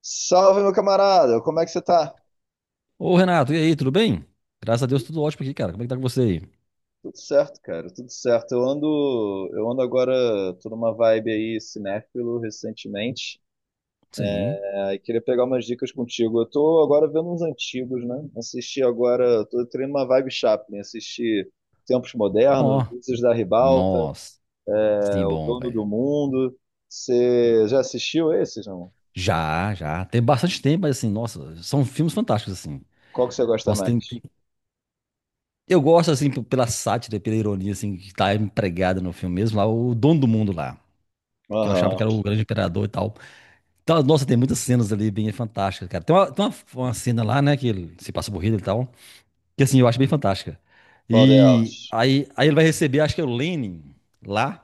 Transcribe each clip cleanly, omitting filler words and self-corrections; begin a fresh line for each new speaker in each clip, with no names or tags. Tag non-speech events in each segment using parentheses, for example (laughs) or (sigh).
Salve, meu camarada! Como é que você tá?
Ô Renato, e aí, tudo bem? Graças a Deus, tudo ótimo aqui, cara. Como é que tá com você aí?
Tudo certo, cara, tudo certo. Eu ando agora, tô numa vibe aí cinéfilo recentemente.
Sim.
Aí queria pegar umas dicas contigo. Eu tô agora vendo uns antigos, né? Assisti agora, tô tendo uma vibe Chaplin, assisti Tempos Modernos,
Ó,
Luzes da Ribalta,
nossa, sim,
O
bom,
Dono
velho.
do Mundo. Você já assistiu esses, não?
Já, já. Tem bastante tempo, mas assim, nossa, são filmes fantásticos, assim.
Qual que você gosta
Nossa, tem,
mais?
tem- Eu gosto, assim, pela sátira, pela ironia, assim, que tá empregada no filme mesmo, lá, o dono do mundo lá, que eu achava que
Aham.
era o grande imperador e tal. Então, nossa, tem muitas cenas ali bem fantásticas, cara. Uma cena lá, né, que ele se passa por Hitler e tal. Que assim, eu acho bem fantástica.
Qual
E
delas?
aí, aí ele vai receber, acho que é o Lenin lá.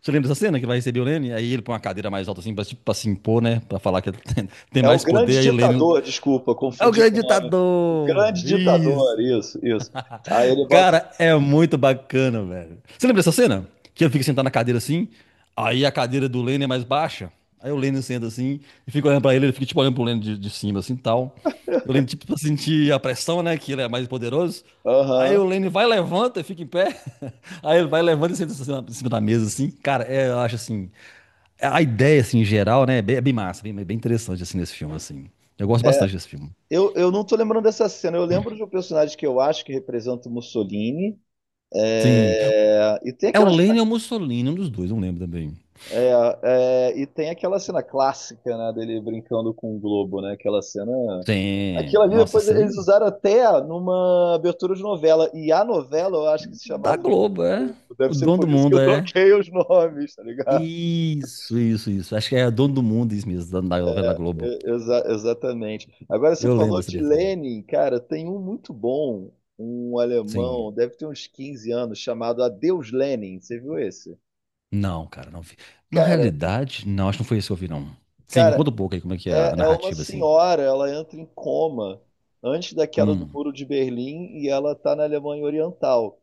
Você lembra dessa cena que ele vai receber o Lenin? Aí ele põe uma cadeira mais alta assim, pra, tipo, pra se impor, né? Pra falar que ele (laughs) tem
É o
mais poder.
grande
Aí o Lenin.
ditador, desculpa,
É o
confundi
grande
o nome. O
ditador!
grande
Isso!
ditador, isso, isso. Aí ele bota.
Cara, é muito bacana, velho. Você lembra dessa cena? Que ele fica sentado na cadeira assim, aí a cadeira do Lenny é mais baixa, aí o Lenny senta assim e fica olhando pra ele, ele fica tipo olhando pro Lenny de cima assim tal. O Lenny tipo pra sentir a pressão, né, que ele é mais poderoso. Aí
Aham.
o Lenny vai, levanta e fica em pé. (laughs) Aí ele vai, levanta e senta assim em cima da mesa assim. Cara, é, eu acho assim, a ideia assim em geral, né, é bem massa, bem interessante assim nesse filme assim. Eu gosto bastante desse filme.
Eu não tô lembrando dessa cena. Eu lembro de um personagem que eu acho que representa o Mussolini.
Sim.
É, e tem
É o
aquela,
Lenny ou o Mussolini, um dos dois, não lembro também.
e tem aquela cena clássica, né, dele brincando com o Globo, né? Aquela cena.
Sim,
Aquilo ali
nossa,
depois
isso aí
eles usaram até numa abertura de novela. E a novela eu acho que se
da
chamava Dono
Globo,
do
é.
Mundo.
O
Deve ser
dono do
por isso que
mundo
eu
é.
troquei os nomes, tá ligado?
Isso, isso, isso. Acho que é dono do mundo, isso mesmo, da novela da Globo.
Exatamente. Agora você
Eu lembro
falou
dessa
de
abertura.
Lenin, cara, tem um muito bom, um
Sim.
alemão, deve ter uns 15 anos, chamado Adeus Lenin. Você viu esse?
Não, cara, não vi. Na
Cara,
realidade, não, acho que não foi isso que eu vi, não. Sim, me
cara,
conta um pouco aí como é que é a
é uma
narrativa, assim.
senhora, ela entra em coma antes da queda do
Hum,
Muro de Berlim e ela tá na Alemanha Oriental.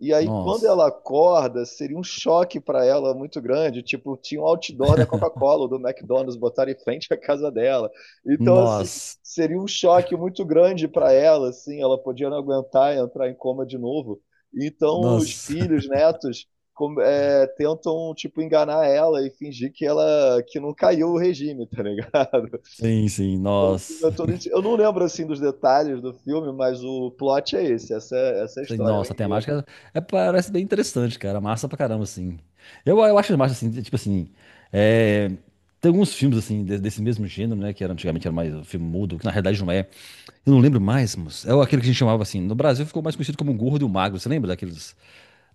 E aí, quando
nossa.
ela acorda, seria um choque para ela muito grande. Tipo, tinha um outdoor da Coca-Cola, ou do McDonald's, botaram em frente à casa dela. Então, assim,
Nossa.
seria um choque muito grande para ela, assim, ela podia não aguentar e entrar em coma de novo. Então, os
Nossa. (laughs)
filhos, netos, tentam, tipo, enganar ela e fingir que ela que não caiu o regime, tá ligado? (laughs)
Sim, sim,
Então, o filme é
nossa.
todo... Eu não lembro, assim, dos detalhes do filme, mas o plot é esse, essa é a
Sei,
história, é o
nossa, a
enredo.
temática é, parece bem interessante, cara. Massa pra caramba, assim. Eu acho massa, assim, tipo assim. É, tem alguns filmes, assim, desse mesmo gênero, né? Que era, antigamente era mais um filme mudo, que na realidade não é. Eu não lembro mais, moço. É aquele que a gente chamava assim. No Brasil ficou mais conhecido como o Gordo e o Magro. Você lembra daqueles,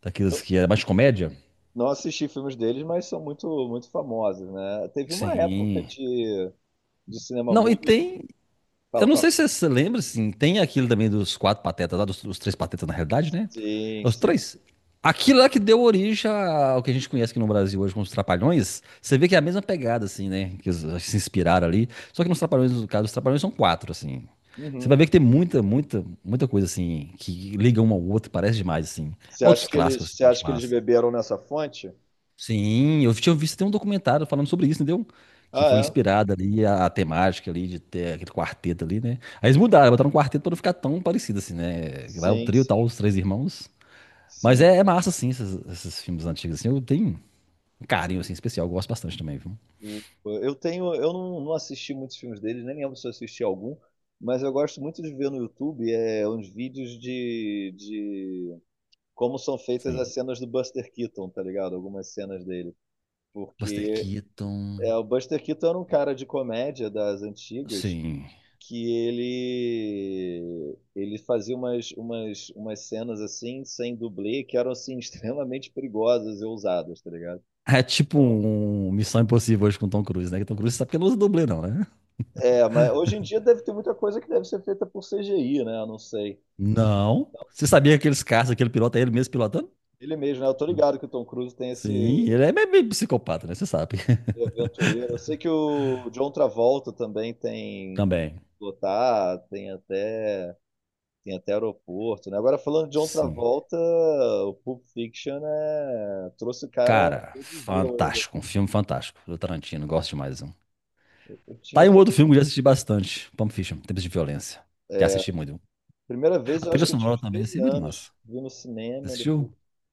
daqueles que era mais comédia?
Não assisti filmes deles, mas são muito, muito famosos, né? Teve uma época
Sim.
de cinema
Não, e
mudo.
tem. Eu
Fala,
não
fala.
sei se você lembra, assim, tem aquilo também dos quatro patetas lá, dos três patetas na realidade, né?
Sim,
Os
sim.
três. Aquilo lá que deu origem ao que a gente conhece aqui no Brasil hoje como os Trapalhões. Você vê que é a mesma pegada, assim, né? Que se inspiraram ali. Só que nos Trapalhões, no caso, os Trapalhões são quatro, assim. Você vai ver
Uhum.
que tem muita, muita, muita coisa, assim, que liga um ao outro, parece demais, assim. Outros clássicos, assim,
Você
que eu acho
acha que eles
massa.
beberam nessa fonte?
Sim, eu tinha visto até um documentário falando sobre isso, entendeu? Que
Ah,
foi
é?
inspirada ali a temática ali de ter aquele quarteto ali, né? Aí eles mudaram, botaram um quarteto pra não ficar tão parecido assim, né? Lá é o
Sim,
trio, tal,
sim,
os três irmãos. Mas
sim.
é massa, assim, esses filmes antigos, assim. Eu tenho um carinho, assim, especial. Eu gosto bastante também, viu?
O- Eu tenho, eu não, não assisti muitos filmes deles, nem lembro se eu assisti algum, mas eu gosto muito de ver no YouTube uns vídeos de como são feitas
Sim.
as cenas do Buster Keaton, tá ligado? Algumas cenas dele.
Buster
Porque é,
Keaton.
o Buster Keaton era um cara de comédia das antigas
Sim.
que ele fazia umas cenas assim sem dublê que eram assim (laughs) extremamente perigosas e ousadas, tá ligado?
É tipo um Missão Impossível hoje com Tom Cruise, né? Que Tom Cruise sabe que ele não usa dublê, não, né?
É, mas hoje em dia deve ter muita coisa que deve ser feita por CGI, né? Eu não sei.
Não. Você sabia que aqueles caras, aquele piloto, é ele mesmo pilotando?
Ele mesmo, né? Eu tô ligado que o Tom Cruise tem
Sim,
esse
ele é meio psicopata, né? Você sabe.
aventureiro. Eu sei que o John Travolta também
(laughs)
tem
Também.
pilotar, tem até tem até aeroporto, né? Agora, falando de John
Sim.
Travolta, o Pulp Fiction né, trouxe o cara,
Cara,
reviveu ele.
fantástico. Um filme fantástico do Tarantino. Gosto demais. Um.
Eu
Tá
tinha,
aí um outro filme que eu já assisti bastante. Pulp Fiction, Tempos de Violência. Já assisti muito.
primeira vez,
A
eu acho
trilha
que eu tinha
sonora
uns
também,
13
assim, é muito
anos,
massa.
vi no
Você
cinema,
assistiu?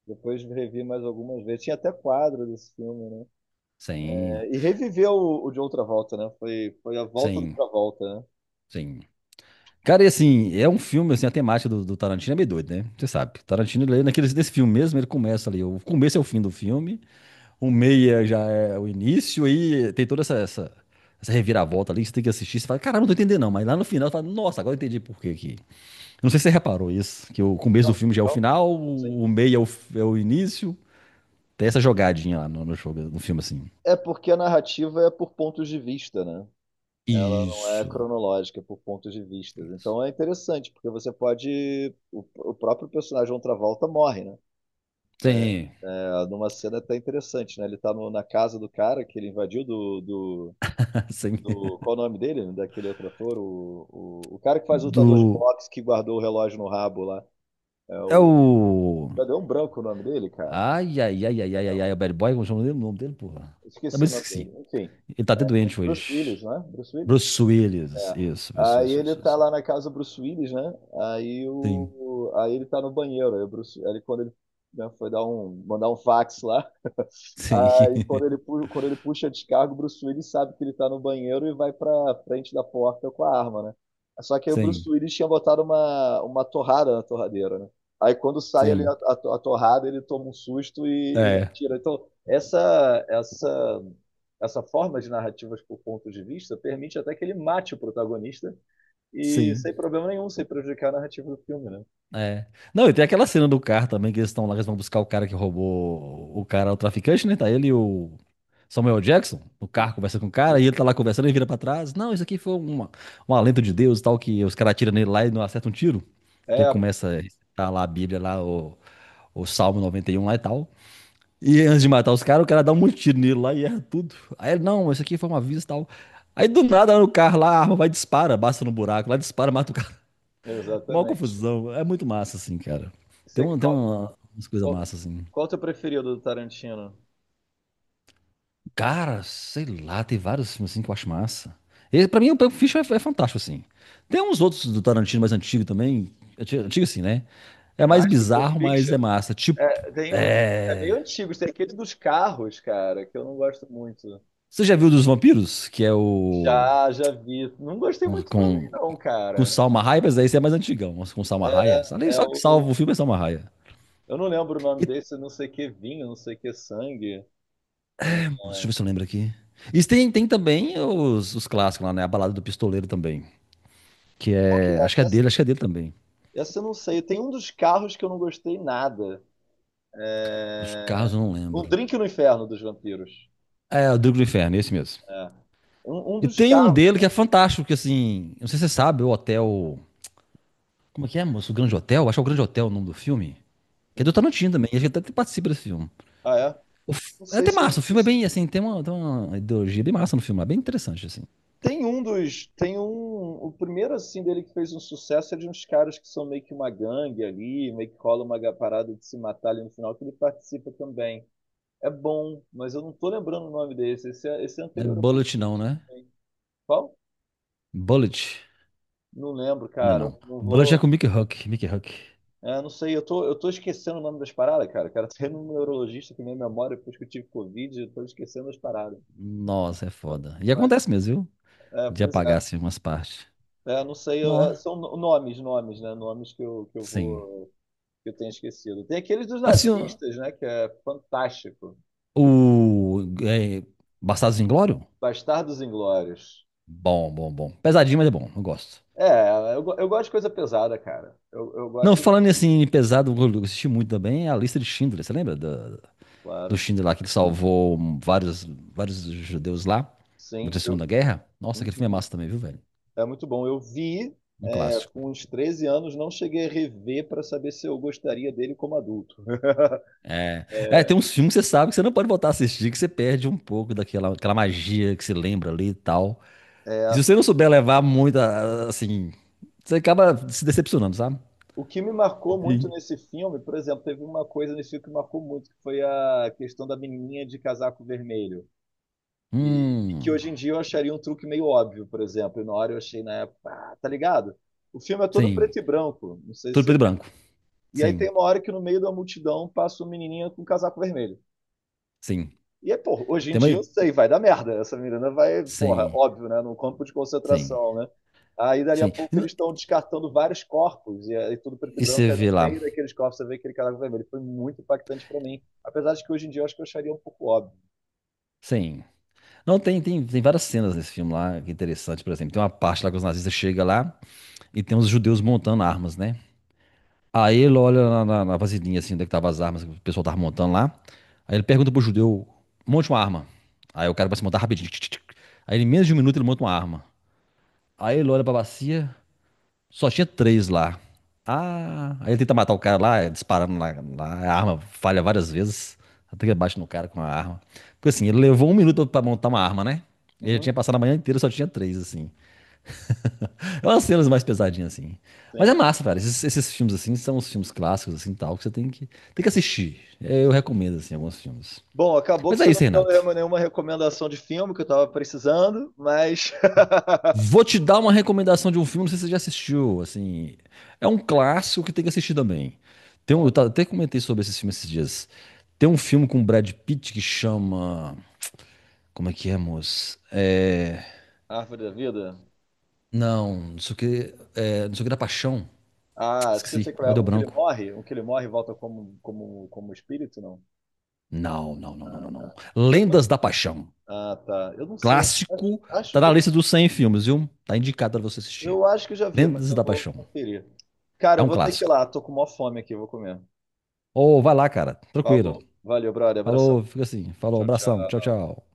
depois revi mais algumas vezes. Tinha até quadro desse filme, né?
Sim,
É, e reviveu o John Travolta, né? Foi, foi a volta do
sim,
Travolta, né?
sim. Cara, e assim, é um filme, assim, a temática do Tarantino é meio doido, né? Você sabe. Tarantino, ele, naquele, nesse filme mesmo, ele começa ali. O começo é o fim do filme. O meia já é o início, aí tem toda essa, essa reviravolta ali que você tem que assistir. Você fala, caramba, não tô entendendo não. Mas lá no final você fala, nossa, agora eu entendi por quê que. Eu não sei se você reparou isso, que o começo do
Não,
filme já é o
não,
final,
sim,
o meia é o, é o início. Tem essa
sim.
jogadinha lá no jogo, no filme assim.
É porque a narrativa é por pontos de vista, né? Ela não é
Isso.
cronológica por pontos de vista.
Isso.
Então é interessante, porque você pode. O próprio personagem John Travolta morre, né?
Sim.
É, numa cena até interessante, né? Ele tá na casa do cara que ele invadiu
(laughs) Assim.
Qual é o nome dele? Daquele outro ator? O cara que faz lutador de
Do.
boxe que guardou o relógio no rabo lá. É
É
o.
o.
Cadê um branco o nome dele, cara?
Ai, ai, ai, ai, ai, ai, ai, é o Bad Boy, como chama o nome dele? O nome dele, porra.
Esqueci
Também
o nome dele.
esqueci.
Enfim.
Ele tá até doente
Bruce
hoje.
Willis, né? Bruce Willis?
Bruce Willis.
É,
Isso, isso,
aí
isso,
ele
isso,
tá
isso.
lá na casa do Bruce Willis, né? Aí,
Sim,
o, aí ele tá no banheiro. Aí, o Bruce, aí ele- quando ele né, foi dar um, mandar um fax lá,
sim,
aí quando ele,
(laughs)
quando ele puxa a descarga, o Bruce Willis sabe que ele tá no banheiro e vai pra frente da porta com a arma, né? Só que aí o
sim,
Bruce Willis tinha botado uma torrada na torradeira, né? Aí quando sai ali
sim,
a torrada, ele toma um susto e
é,
atira. Então, essa forma de narrativas por pontos de vista permite até que ele mate o protagonista e
sim,
sem problema nenhum, sem prejudicar a narrativa do filme, né?
é. Não, e tem aquela cena do carro também, que eles estão lá, eles vão buscar o cara que roubou o cara, o traficante, né? Tá ele e o Samuel Jackson, no carro, conversa com o cara, e ele tá lá conversando, ele vira pra trás, não, isso aqui foi uma, um alento de Deus e tal, que os caras atiram nele lá e não acertam um tiro, que ele
É,
começa a recitar lá a Bíblia, lá o Salmo 91 lá e tal. E antes de matar os caras, o cara dá um monte de tiro nele lá e erra tudo. Aí ele, não, isso aqui foi uma aviso e tal. Aí do nada no carro lá, a arma vai e dispara, basta no buraco, lá dispara, mata o cara. (laughs) Mó
exatamente.
confusão. É muito massa, assim, cara. Tem,
Você,
uma, tem
qual,
uma, umas coisas
qual,
massas, assim.
qual é o teu preferido do Tarantino?
Cara, sei lá, tem vários filmes assim que eu acho massa. Ele, pra mim, o Pulp Fiction é fantástico, assim. Tem uns outros do Tarantino mais antigo também. Antigo assim, né? É mais
Mais que Pulp
bizarro, mas
Fiction.
é massa. Tipo,
É, tem uns. É meio
é...
antigos. Tem aquele dos carros, cara, que eu não gosto muito.
Você já viu dos vampiros? Que é o...
Já, já vi. Não gostei
Com,
muito
com
também, não,
Com
cara.
Salma Hayek, mas daí esse é mais antigão. Mas com Salma Hayek. Ali
É
só que
o.
salva o filme é Salma Hayek.
Eu não lembro o
E,
nome desse, não sei que vinho, não sei que sangue. É,
deixa eu ver se eu lembro aqui. E tem também os clássicos lá, né? A Balada do Pistoleiro também. Que
qual que
é.
é
Acho que
essa?
é dele, acho que é dele também.
Essa eu não sei. Tem um dos carros que eu não gostei nada.
Dos carros
É,
eu não
Um
lembro.
Drink no Inferno dos Vampiros.
É, o Drigo do Inferno, esse mesmo.
É. Um
E
dos
tem um
carros.
dele que é fantástico, que assim. Não sei se você sabe, o Hotel. Como é que é, moço? O Grande Hotel? Acho que é o Grande Hotel o nome do filme. Que é do
Uhum.
Tarantino também. Ele A gente até participa desse filme.
Ah, é? Não
É
sei
até
se eu já
massa, o
vi
filme é bem assim, tem uma, ideologia bem massa no filme, é bem interessante, assim.
tem um dos. Tem um. O primeiro, assim, dele que fez um sucesso é de uns caras que são meio que uma gangue ali, meio que cola uma parada de se matar ali no final, que ele participa também. É bom, mas eu não tô lembrando o nome desse. Esse é
Não é
anterior ao Pulp
bullet, não,
Fiction
né?
também. Qual?
Bullet?
Não lembro,
Não,
cara.
não.
Não
Bullet
vou.
é com o Mickey Huck. Mickey Huck.
É, não sei, eu tô esquecendo o nome das paradas, cara. Cara, tô indo no neurologista que minha memória, depois que eu tive Covid, eu tô esquecendo as paradas.
Nossa, é foda. E
Mas,
acontece mesmo, viu?
é,
De
pois
apagar,
é.
assim, umas partes.
É, não sei,
Nó.
são nomes, nomes, né? Nomes que eu
Sim.
vou. Que eu tenho esquecido. Tem aquele dos
Assim, ó,
nazistas, né? Que é fantástico.
o... É, Bastardos Inglórios?
Bastardos Inglórios.
Bom, bom, bom. Pesadinho, mas é bom. Eu gosto.
É, eu, eu gosto de coisa pesada, cara. Eu
Não,
gosto,
falando assim, em assim, pesado, eu assisti muito também a lista de Schindler. Você lembra do
claro.
Schindler lá, que ele salvou vários, vários judeus lá durante
Sim,
a
eu,
Segunda Guerra? Nossa, aquele filme é
uhum.
massa também, viu, velho?
É muito bom. Eu vi
Um clássico.
com uns 13 anos, não cheguei a rever para saber se eu gostaria dele como adulto.
É. É, tem uns filmes que você sabe que você não pode voltar a assistir, que você perde um pouco daquela aquela magia que você lembra ali e tal. E se
É.
você não souber levar muito, assim, você acaba se decepcionando, sabe?
O que me marcou muito
Sim.
nesse filme, por exemplo, teve uma coisa nesse filme que marcou muito, que foi a questão da menininha de casaco vermelho. E que
Hum,
hoje em dia eu acharia um truque meio óbvio, por exemplo. E na hora eu achei na época, ah, tá ligado? O filme é todo
sim.
preto e branco, não sei se
Tudo
você
preto e
lembra.
branco.
E aí
Sim,
tem uma hora que no meio da multidão passa uma menininha com um casaco vermelho.
sim.
E aí, pô, hoje em
Tem
dia
mais...
eu sei, vai dar merda. Essa menina vai, porra,
Sim,
óbvio, né? Num campo de
sim,
concentração, né? Aí dali a
sim. E,
pouco
n-
eles estão descartando vários corpos, e aí tudo preto e
e
branco,
você
aí no
vê lá.
meio daqueles corpos você vê aquele casaco vermelho. Foi muito impactante pra mim. Apesar de que hoje em dia eu acho que eu acharia um pouco óbvio.
Sim. Não, tem várias cenas nesse filme lá, que é interessante, por exemplo. Tem uma parte lá que os nazistas chegam lá e tem os judeus montando armas, né? Aí ele olha na vasilhinha, assim, onde é que tava as armas que o pessoal tava montando lá. Aí ele pergunta pro judeu, monte uma arma. Aí o cara vai se montar rapidinho. Tch, tch, tch. Aí em menos de 1 minuto ele monta uma arma. Aí ele olha pra bacia, só tinha três lá. Ah, aí ele tenta matar o cara lá, é disparando lá, lá. A arma falha várias vezes. Até que ele bate no cara com a arma. Porque assim, ele levou 1 minuto pra montar uma arma, né? Ele já
Uhum,
tinha passado a manhã inteira, só tinha três, assim. É umas cenas mais pesadinhas, assim. Mas é
sim.
massa, cara. Esses filmes, assim, são os filmes clássicos, assim, tal, que você tem que, assistir. É, eu recomendo, assim, alguns filmes.
Bom, acabou
Mas
que
é
você não
isso,
me deu
Renato.
nenhuma recomendação de filme que eu tava precisando, mas. (laughs)
Vou te dar uma recomendação de um filme, não sei se você já assistiu, assim. É um clássico que tem que assistir também. Tem um,
Fala,
até comentei sobre esse filme esses dias. Tem um filme com o Brad Pitt que chama... Como é que é, moço? É...
Árvore da Vida?
Não, não sei o que... É, não sei o que da Paixão.
Ah, acho que eu
Esqueci.
sei qual
Ó,
é.
deu
Um que ele
branco.
morre? Um que ele morre e volta como, como espírito, não?
Não, não, não, não,
Ah,
não, não.
tá. Depois-
Lendas da Paixão.
Ah, tá. Eu não sei.
Clássico.
Acho
Tá
que
na lista dos 100 filmes, viu? Tá indicado pra você assistir.
eu acho que eu já vi, mas
Lendas
eu
da
vou
Paixão.
conferir. Cara,
É
eu
um
vou ter que ir
clássico.
lá. Tô com maior fome aqui, eu vou comer.
Ô, vai lá, cara. Tranquilo.
Falou. Valeu, brother. Abração.
Falou, fica assim. Falou,
Tchau,
abração.
tchau.
Tchau, tchau.